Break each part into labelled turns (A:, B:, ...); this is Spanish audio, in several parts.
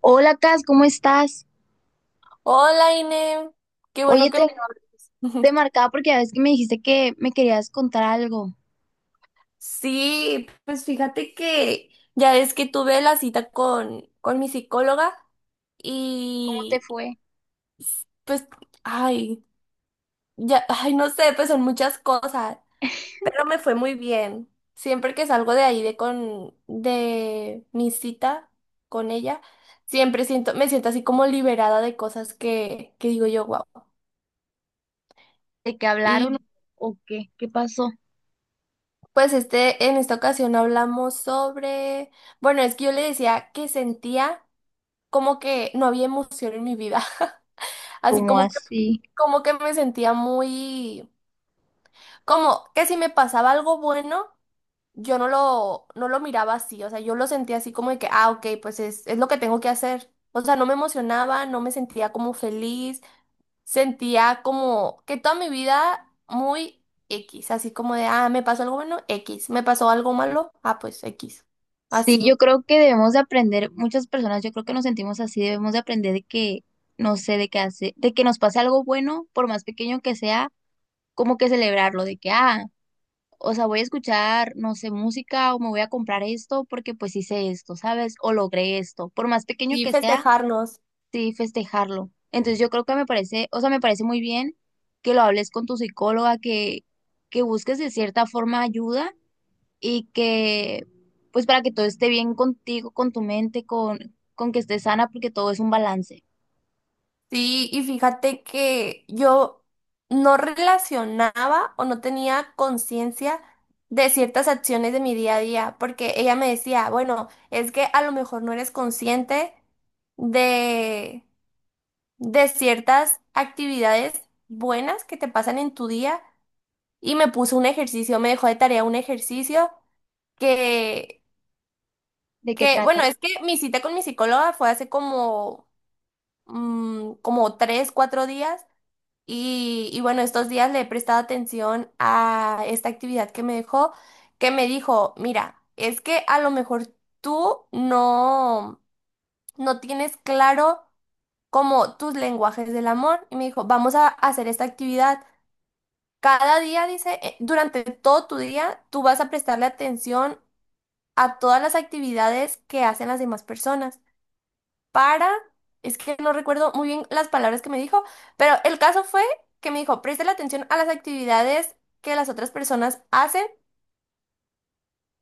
A: Hola, Cas, ¿cómo estás?
B: Hola, Ine. Qué bueno
A: Oye,
B: que
A: te,
B: me hablas.
A: te marcaba porque a veces que me dijiste que me querías contar algo.
B: Sí, pues fíjate que ya es que tuve la cita con mi psicóloga
A: ¿Cómo te
B: y
A: fue?
B: pues, ay, ya, ay, no sé, pues son muchas cosas, pero me fue muy bien. Siempre que salgo de ahí de mi cita con ella, siempre me siento así como liberada de cosas que digo yo, wow.
A: ¿De qué hablaron o qué? ¿Qué pasó?
B: Pues en esta ocasión hablamos sobre, bueno, es que yo le decía que sentía como que no había emoción en mi vida, así
A: ¿Cómo así?
B: como que me sentía muy, como que si me pasaba algo bueno, yo no lo miraba así, o sea, yo lo sentía así como de que, ah, ok, pues es lo que tengo que hacer, o sea, no me emocionaba, no me sentía como feliz, sentía como que toda mi vida muy X, así como de, ah, me pasó algo bueno, X, me pasó algo malo, ah, pues X,
A: Sí, yo
B: así.
A: creo que debemos de aprender, muchas personas, yo creo que nos sentimos así, debemos de aprender de que, no sé, de que nos pase algo bueno, por más pequeño que sea, como que celebrarlo, de que, ah, o sea, voy a escuchar, no sé, música o me voy a comprar esto porque pues hice esto, ¿sabes? O logré esto, por más pequeño
B: Sí,
A: que sea
B: festejarnos.
A: sí festejarlo. Entonces yo creo que me parece, o sea, me parece muy bien que lo hables con tu psicóloga, que busques de cierta forma ayuda y que, pues para que todo esté bien contigo, con tu mente, con que estés sana, porque todo es un balance.
B: Sí, y fíjate que yo no relacionaba o no tenía conciencia de ciertas acciones de mi día a día, porque ella me decía, bueno, es que a lo mejor no eres consciente de, de ciertas actividades buenas que te pasan en tu día y me puso un ejercicio, me dejó de tarea un ejercicio que,
A: ¿De qué
B: que,
A: trata?
B: bueno, es que mi cita con mi psicóloga fue hace como, como tres, cuatro días y bueno, estos días le he prestado atención a esta actividad que me dejó, que me dijo, mira, es que a lo mejor tú no tienes claro como tus lenguajes del amor y me dijo, vamos a hacer esta actividad. Cada día, dice, durante todo tu día, tú vas a prestarle atención a todas las actividades que hacen las demás personas para, es que no recuerdo muy bien las palabras que me dijo, pero el caso fue que me dijo, preste la atención a las actividades que las otras personas hacen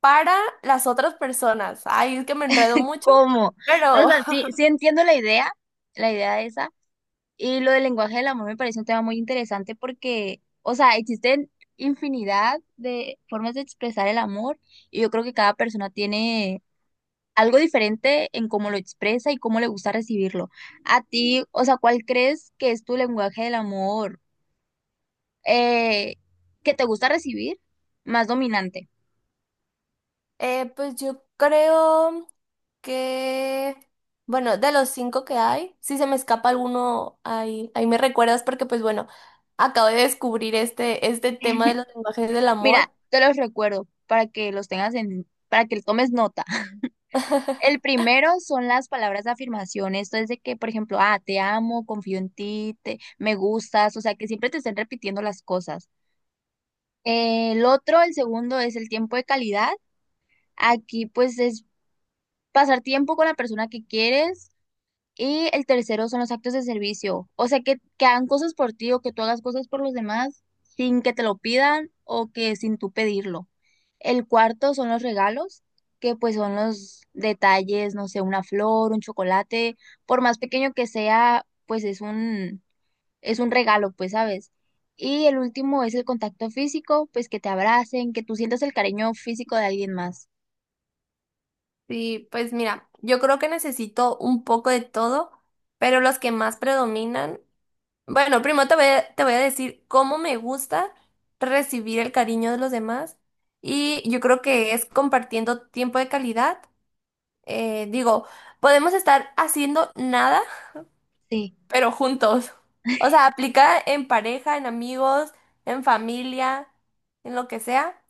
B: para las otras personas. Ay, es que me enredo mucho,
A: ¿Cómo? O
B: pero
A: sea, sí, sí entiendo la idea esa. Y lo del lenguaje del amor me parece un tema muy interesante porque, o sea, existen infinidad de formas de expresar el amor y yo creo que cada persona tiene algo diferente en cómo lo expresa y cómo le gusta recibirlo. A ti, o sea, ¿cuál crees que es tu lenguaje del amor eh, que te gusta recibir más dominante?
B: pues yo creo que, bueno, de los cinco que hay, si se me escapa alguno, ahí me recuerdas porque pues bueno, acabo de descubrir este tema de los lenguajes del
A: Mira,
B: amor.
A: te los recuerdo para que los tengas en, para que tomes nota. El primero son las palabras de afirmación. Esto es de que, por ejemplo, ah, te amo, confío en ti, te, me gustas, o sea, que siempre te estén repitiendo las cosas. El otro, el segundo, es el tiempo de calidad. Aquí, pues, es pasar tiempo con la persona que quieres. Y el tercero son los actos de servicio. O sea, que hagan cosas por ti o que tú hagas cosas por los demás sin que te lo pidan o que sin tú pedirlo. El cuarto son los regalos, que pues son los detalles, no sé, una flor, un chocolate, por más pequeño que sea, pues es un regalo, pues, ¿sabes? Y el último es el contacto físico, pues que te abracen, que tú sientas el cariño físico de alguien más.
B: Sí, pues mira, yo creo que necesito un poco de todo, pero los que más predominan, bueno, primero te voy a decir cómo me gusta recibir el cariño de los demás y yo creo que es compartiendo tiempo de calidad. Digo, podemos estar haciendo nada,
A: Sí,
B: pero juntos. O sea, aplica en pareja, en amigos, en familia, en lo que sea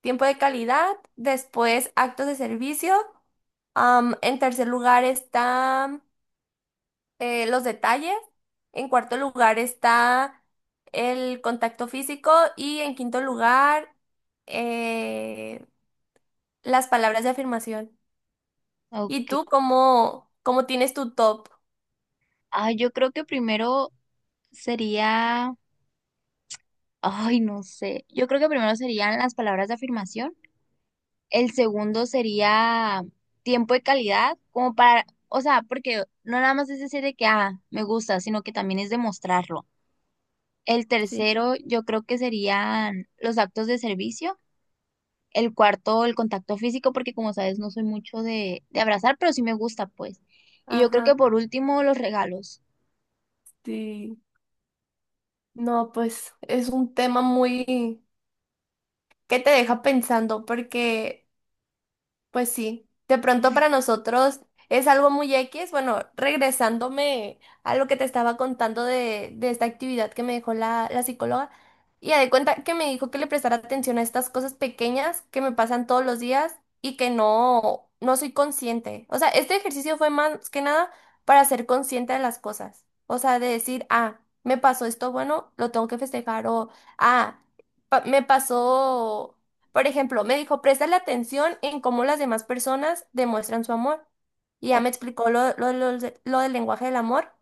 B: tiempo de calidad, después actos de servicio, en tercer lugar están los detalles, en cuarto lugar está el contacto físico y en quinto lugar eh, las palabras de afirmación. ¿Y
A: ok.
B: tú cómo tienes tu top?
A: Ay, yo creo que primero sería, ay, no sé, yo creo que primero serían las palabras de afirmación, el segundo sería tiempo de calidad, como para, o sea, porque no nada más es decir de que, ah, me gusta, sino que también es demostrarlo. El
B: Sí.
A: tercero, yo creo que serían los actos de servicio, el cuarto, el contacto físico, porque como sabes, no soy mucho de abrazar, pero sí me gusta, pues. Y yo creo
B: Ajá.
A: que por último, los regalos.
B: Sí. No, pues es un tema muy que te deja pensando porque pues sí, de pronto para nosotros es algo muy X. Bueno, regresándome a lo que te estaba contando de esta actividad que me dejó la psicóloga, y ya de cuenta que me dijo que le prestara atención a estas cosas pequeñas que me pasan todos los días y que no soy consciente. O sea, este ejercicio fue más que nada para ser consciente de las cosas. O sea, de decir, ah, me pasó esto bueno, lo tengo que festejar, o ah, me pasó. Por ejemplo, me dijo, la atención en cómo las demás personas demuestran su amor. Y ya
A: O-
B: me explicó lo del lenguaje del amor.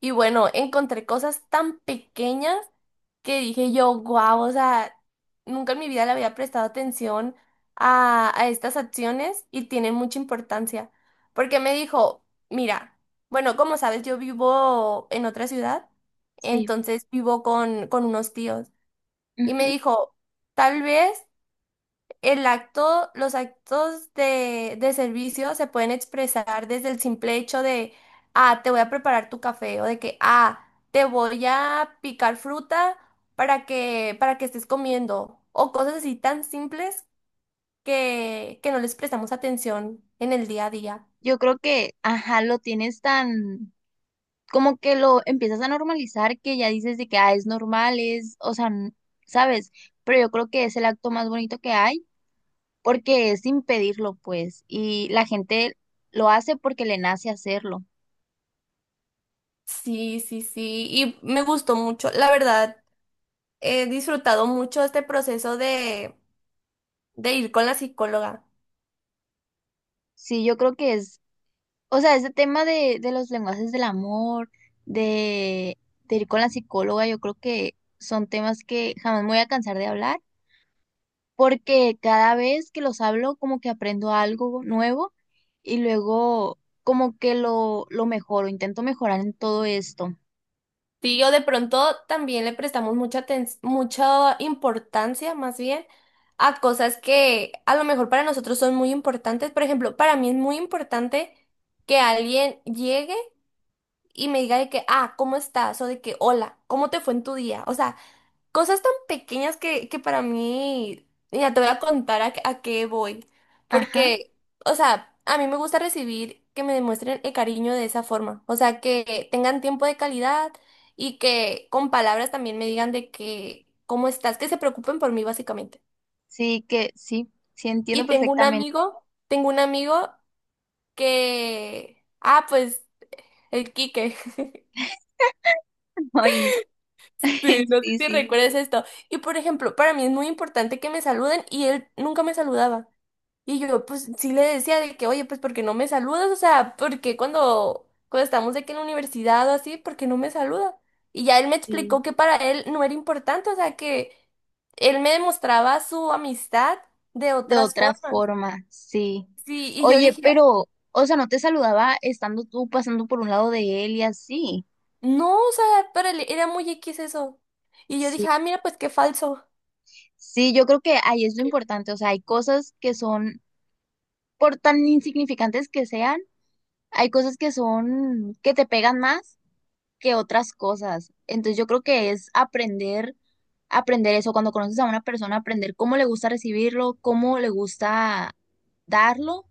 B: Y bueno, encontré cosas tan pequeñas que dije yo, guau, o sea, nunca en mi vida le había prestado atención a estas acciones y tienen mucha importancia. Porque me dijo, mira, bueno, como sabes, yo vivo en otra ciudad,
A: sí.
B: entonces vivo con unos tíos. Y me dijo, tal vez los actos de servicio se pueden expresar desde el simple hecho de, ah, te voy a preparar tu café o de que, ah, te voy a picar fruta para que estés comiendo o cosas así tan simples que no les prestamos atención en el día a día.
A: Yo creo que, ajá, lo tienes tan, como que lo empiezas a normalizar que ya dices de que, ah, es normal, es, o sea, n- ¿sabes? Pero yo creo que es el acto más bonito que hay porque es sin pedirlo, pues, y la gente lo hace porque le nace hacerlo.
B: Sí, sí, sí, y me gustó mucho. La verdad, he disfrutado mucho este proceso de ir con la psicóloga.
A: Sí, yo creo que es, o sea, ese tema de los lenguajes del amor, de, de ir con la psicóloga, yo creo que son temas que jamás me voy a cansar de hablar porque cada vez que los hablo como que aprendo algo nuevo y luego como que lo mejoro, intento mejorar en todo esto.
B: Sí, o de pronto también le prestamos mucha mucha importancia, más bien, a cosas que a lo mejor para nosotros son muy importantes. Por ejemplo, para mí es muy importante que alguien llegue y me diga de que, ah, ¿cómo estás? O de que, hola, ¿cómo te fue en tu día? O sea, cosas tan pequeñas que para mí, ya te voy a contar a qué voy.
A: Ajá,
B: Porque, o sea, a mí me gusta recibir que me demuestren el cariño de esa forma. O sea, que tengan tiempo de calidad y que con palabras también me digan de que, ¿cómo estás? Que se preocupen por mí, básicamente.
A: sí que sí, sí entiendo
B: Y tengo un
A: perfectamente.
B: amigo que, ah, pues, el Quique.
A: Ay,
B: Sí, no sé
A: sí,
B: si
A: sí,
B: recuerdas esto. Y por ejemplo, para mí es muy importante que me saluden y él nunca me saludaba. Y yo, pues sí le decía de que, oye, pues porque no me saludas, o sea, porque cuando estamos de que en la universidad o así, ¿porque no me saluda? Y ya él me
A: sí,
B: explicó que para él no era importante, o sea, que él me demostraba su amistad de
A: de
B: otras
A: otra
B: formas.
A: forma, sí.
B: Sí, y yo
A: Oye,
B: dije,
A: pero, o sea, no te saludaba estando tú pasando por un lado de él y así.
B: no, o sea, para él era muy X eso. Y yo
A: Sí,
B: dije, ah, mira, pues qué falso.
A: sí, yo creo que ahí es lo importante, o sea, hay cosas que son, por tan insignificantes que sean, hay cosas que son, que te pegan más que otras cosas. Entonces yo creo que es aprender, aprender eso, cuando conoces a una persona, aprender cómo le gusta recibirlo, cómo le gusta darlo,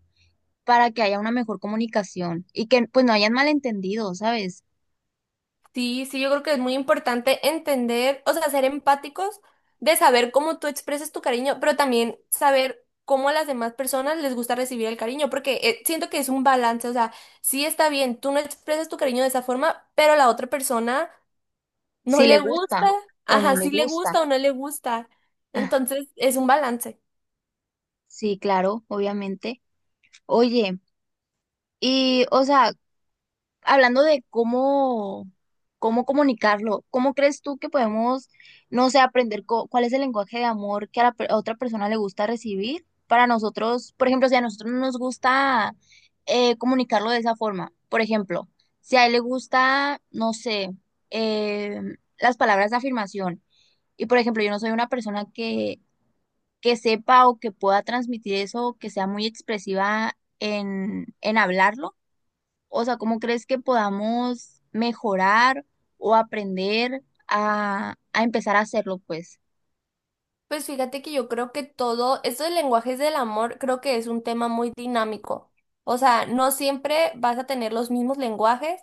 A: para que haya una mejor comunicación y que pues no hayan malentendido, ¿sabes?
B: Sí, sí, yo creo que es muy importante entender, o sea, ser empáticos de saber cómo tú expresas tu cariño, pero también saber cómo a las demás personas les gusta recibir el cariño, porque siento que es un balance, o sea, sí está bien, tú no expresas tu cariño de esa forma, pero a la otra persona no
A: Si le
B: le
A: gusta
B: gusta,
A: o no
B: ajá,
A: le
B: sí le
A: gusta.
B: gusta o no le gusta,
A: Ah,
B: entonces es un balance.
A: sí, claro, obviamente. Oye, y o sea, hablando de cómo, cómo comunicarlo, ¿cómo crees tú que podemos, no sé, aprender co- cuál es el lenguaje de amor que a, la per- a otra persona le gusta recibir? Para nosotros, por ejemplo, si a nosotros no nos gusta comunicarlo de esa forma, por ejemplo, si a él le gusta, no sé, eh, las palabras de afirmación, y por ejemplo, yo no soy una persona que sepa o que pueda transmitir eso, que sea muy expresiva en hablarlo. O sea, ¿cómo crees que podamos mejorar o aprender a empezar a hacerlo, pues?
B: Pues fíjate que yo creo que todo, esto de lenguajes del amor, creo que es un tema muy dinámico. O sea, no siempre vas a tener los mismos lenguajes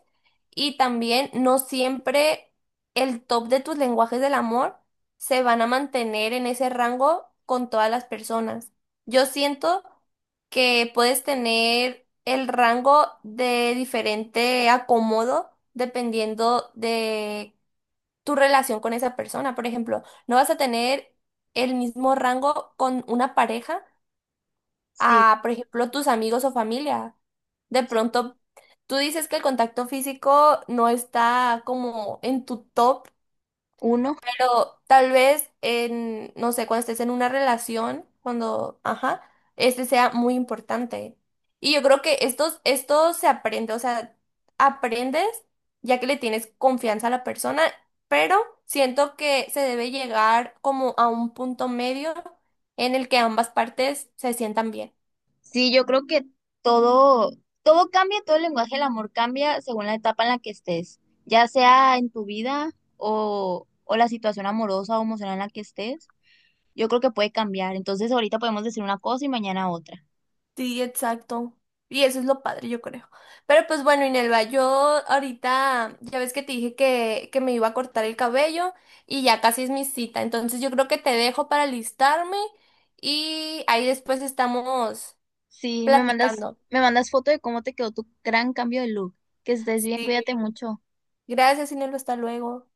B: y también no siempre el top de tus lenguajes del amor se van a mantener en ese rango con todas las personas. Yo siento que puedes tener el rango de diferente acomodo dependiendo de tu relación con esa persona. Por ejemplo, no vas a tener el mismo rango con una pareja
A: Sí,
B: a, por ejemplo, tus amigos o familia. De
A: sí.
B: pronto, tú dices que el contacto físico no está como en tu top,
A: Uno,
B: pero tal vez en, no sé, cuando estés en una relación, cuando, ajá, este sea muy importante. Y yo creo que esto se aprende, o sea, aprendes ya que le tienes confianza a la persona, pero siento que se debe llegar como a un punto medio en el que ambas partes se sientan bien.
A: sí, yo creo que todo, todo cambia, todo el lenguaje del amor cambia según la etapa en la que estés, ya sea en tu vida o la situación amorosa o emocional en la que estés, yo creo que puede cambiar. Entonces ahorita podemos decir una cosa y mañana otra.
B: Sí, exacto. Y eso es lo padre, yo creo. Pero pues bueno, Inelva, yo ahorita, ya ves que te dije que me iba a cortar el cabello y ya casi es mi cita. Entonces yo creo que te dejo para listarme y ahí después estamos
A: Sí,
B: platicando.
A: me mandas foto de cómo te quedó tu gran cambio de look. Que estés bien,
B: Sí.
A: cuídate mucho.
B: Gracias, Inelva, hasta luego.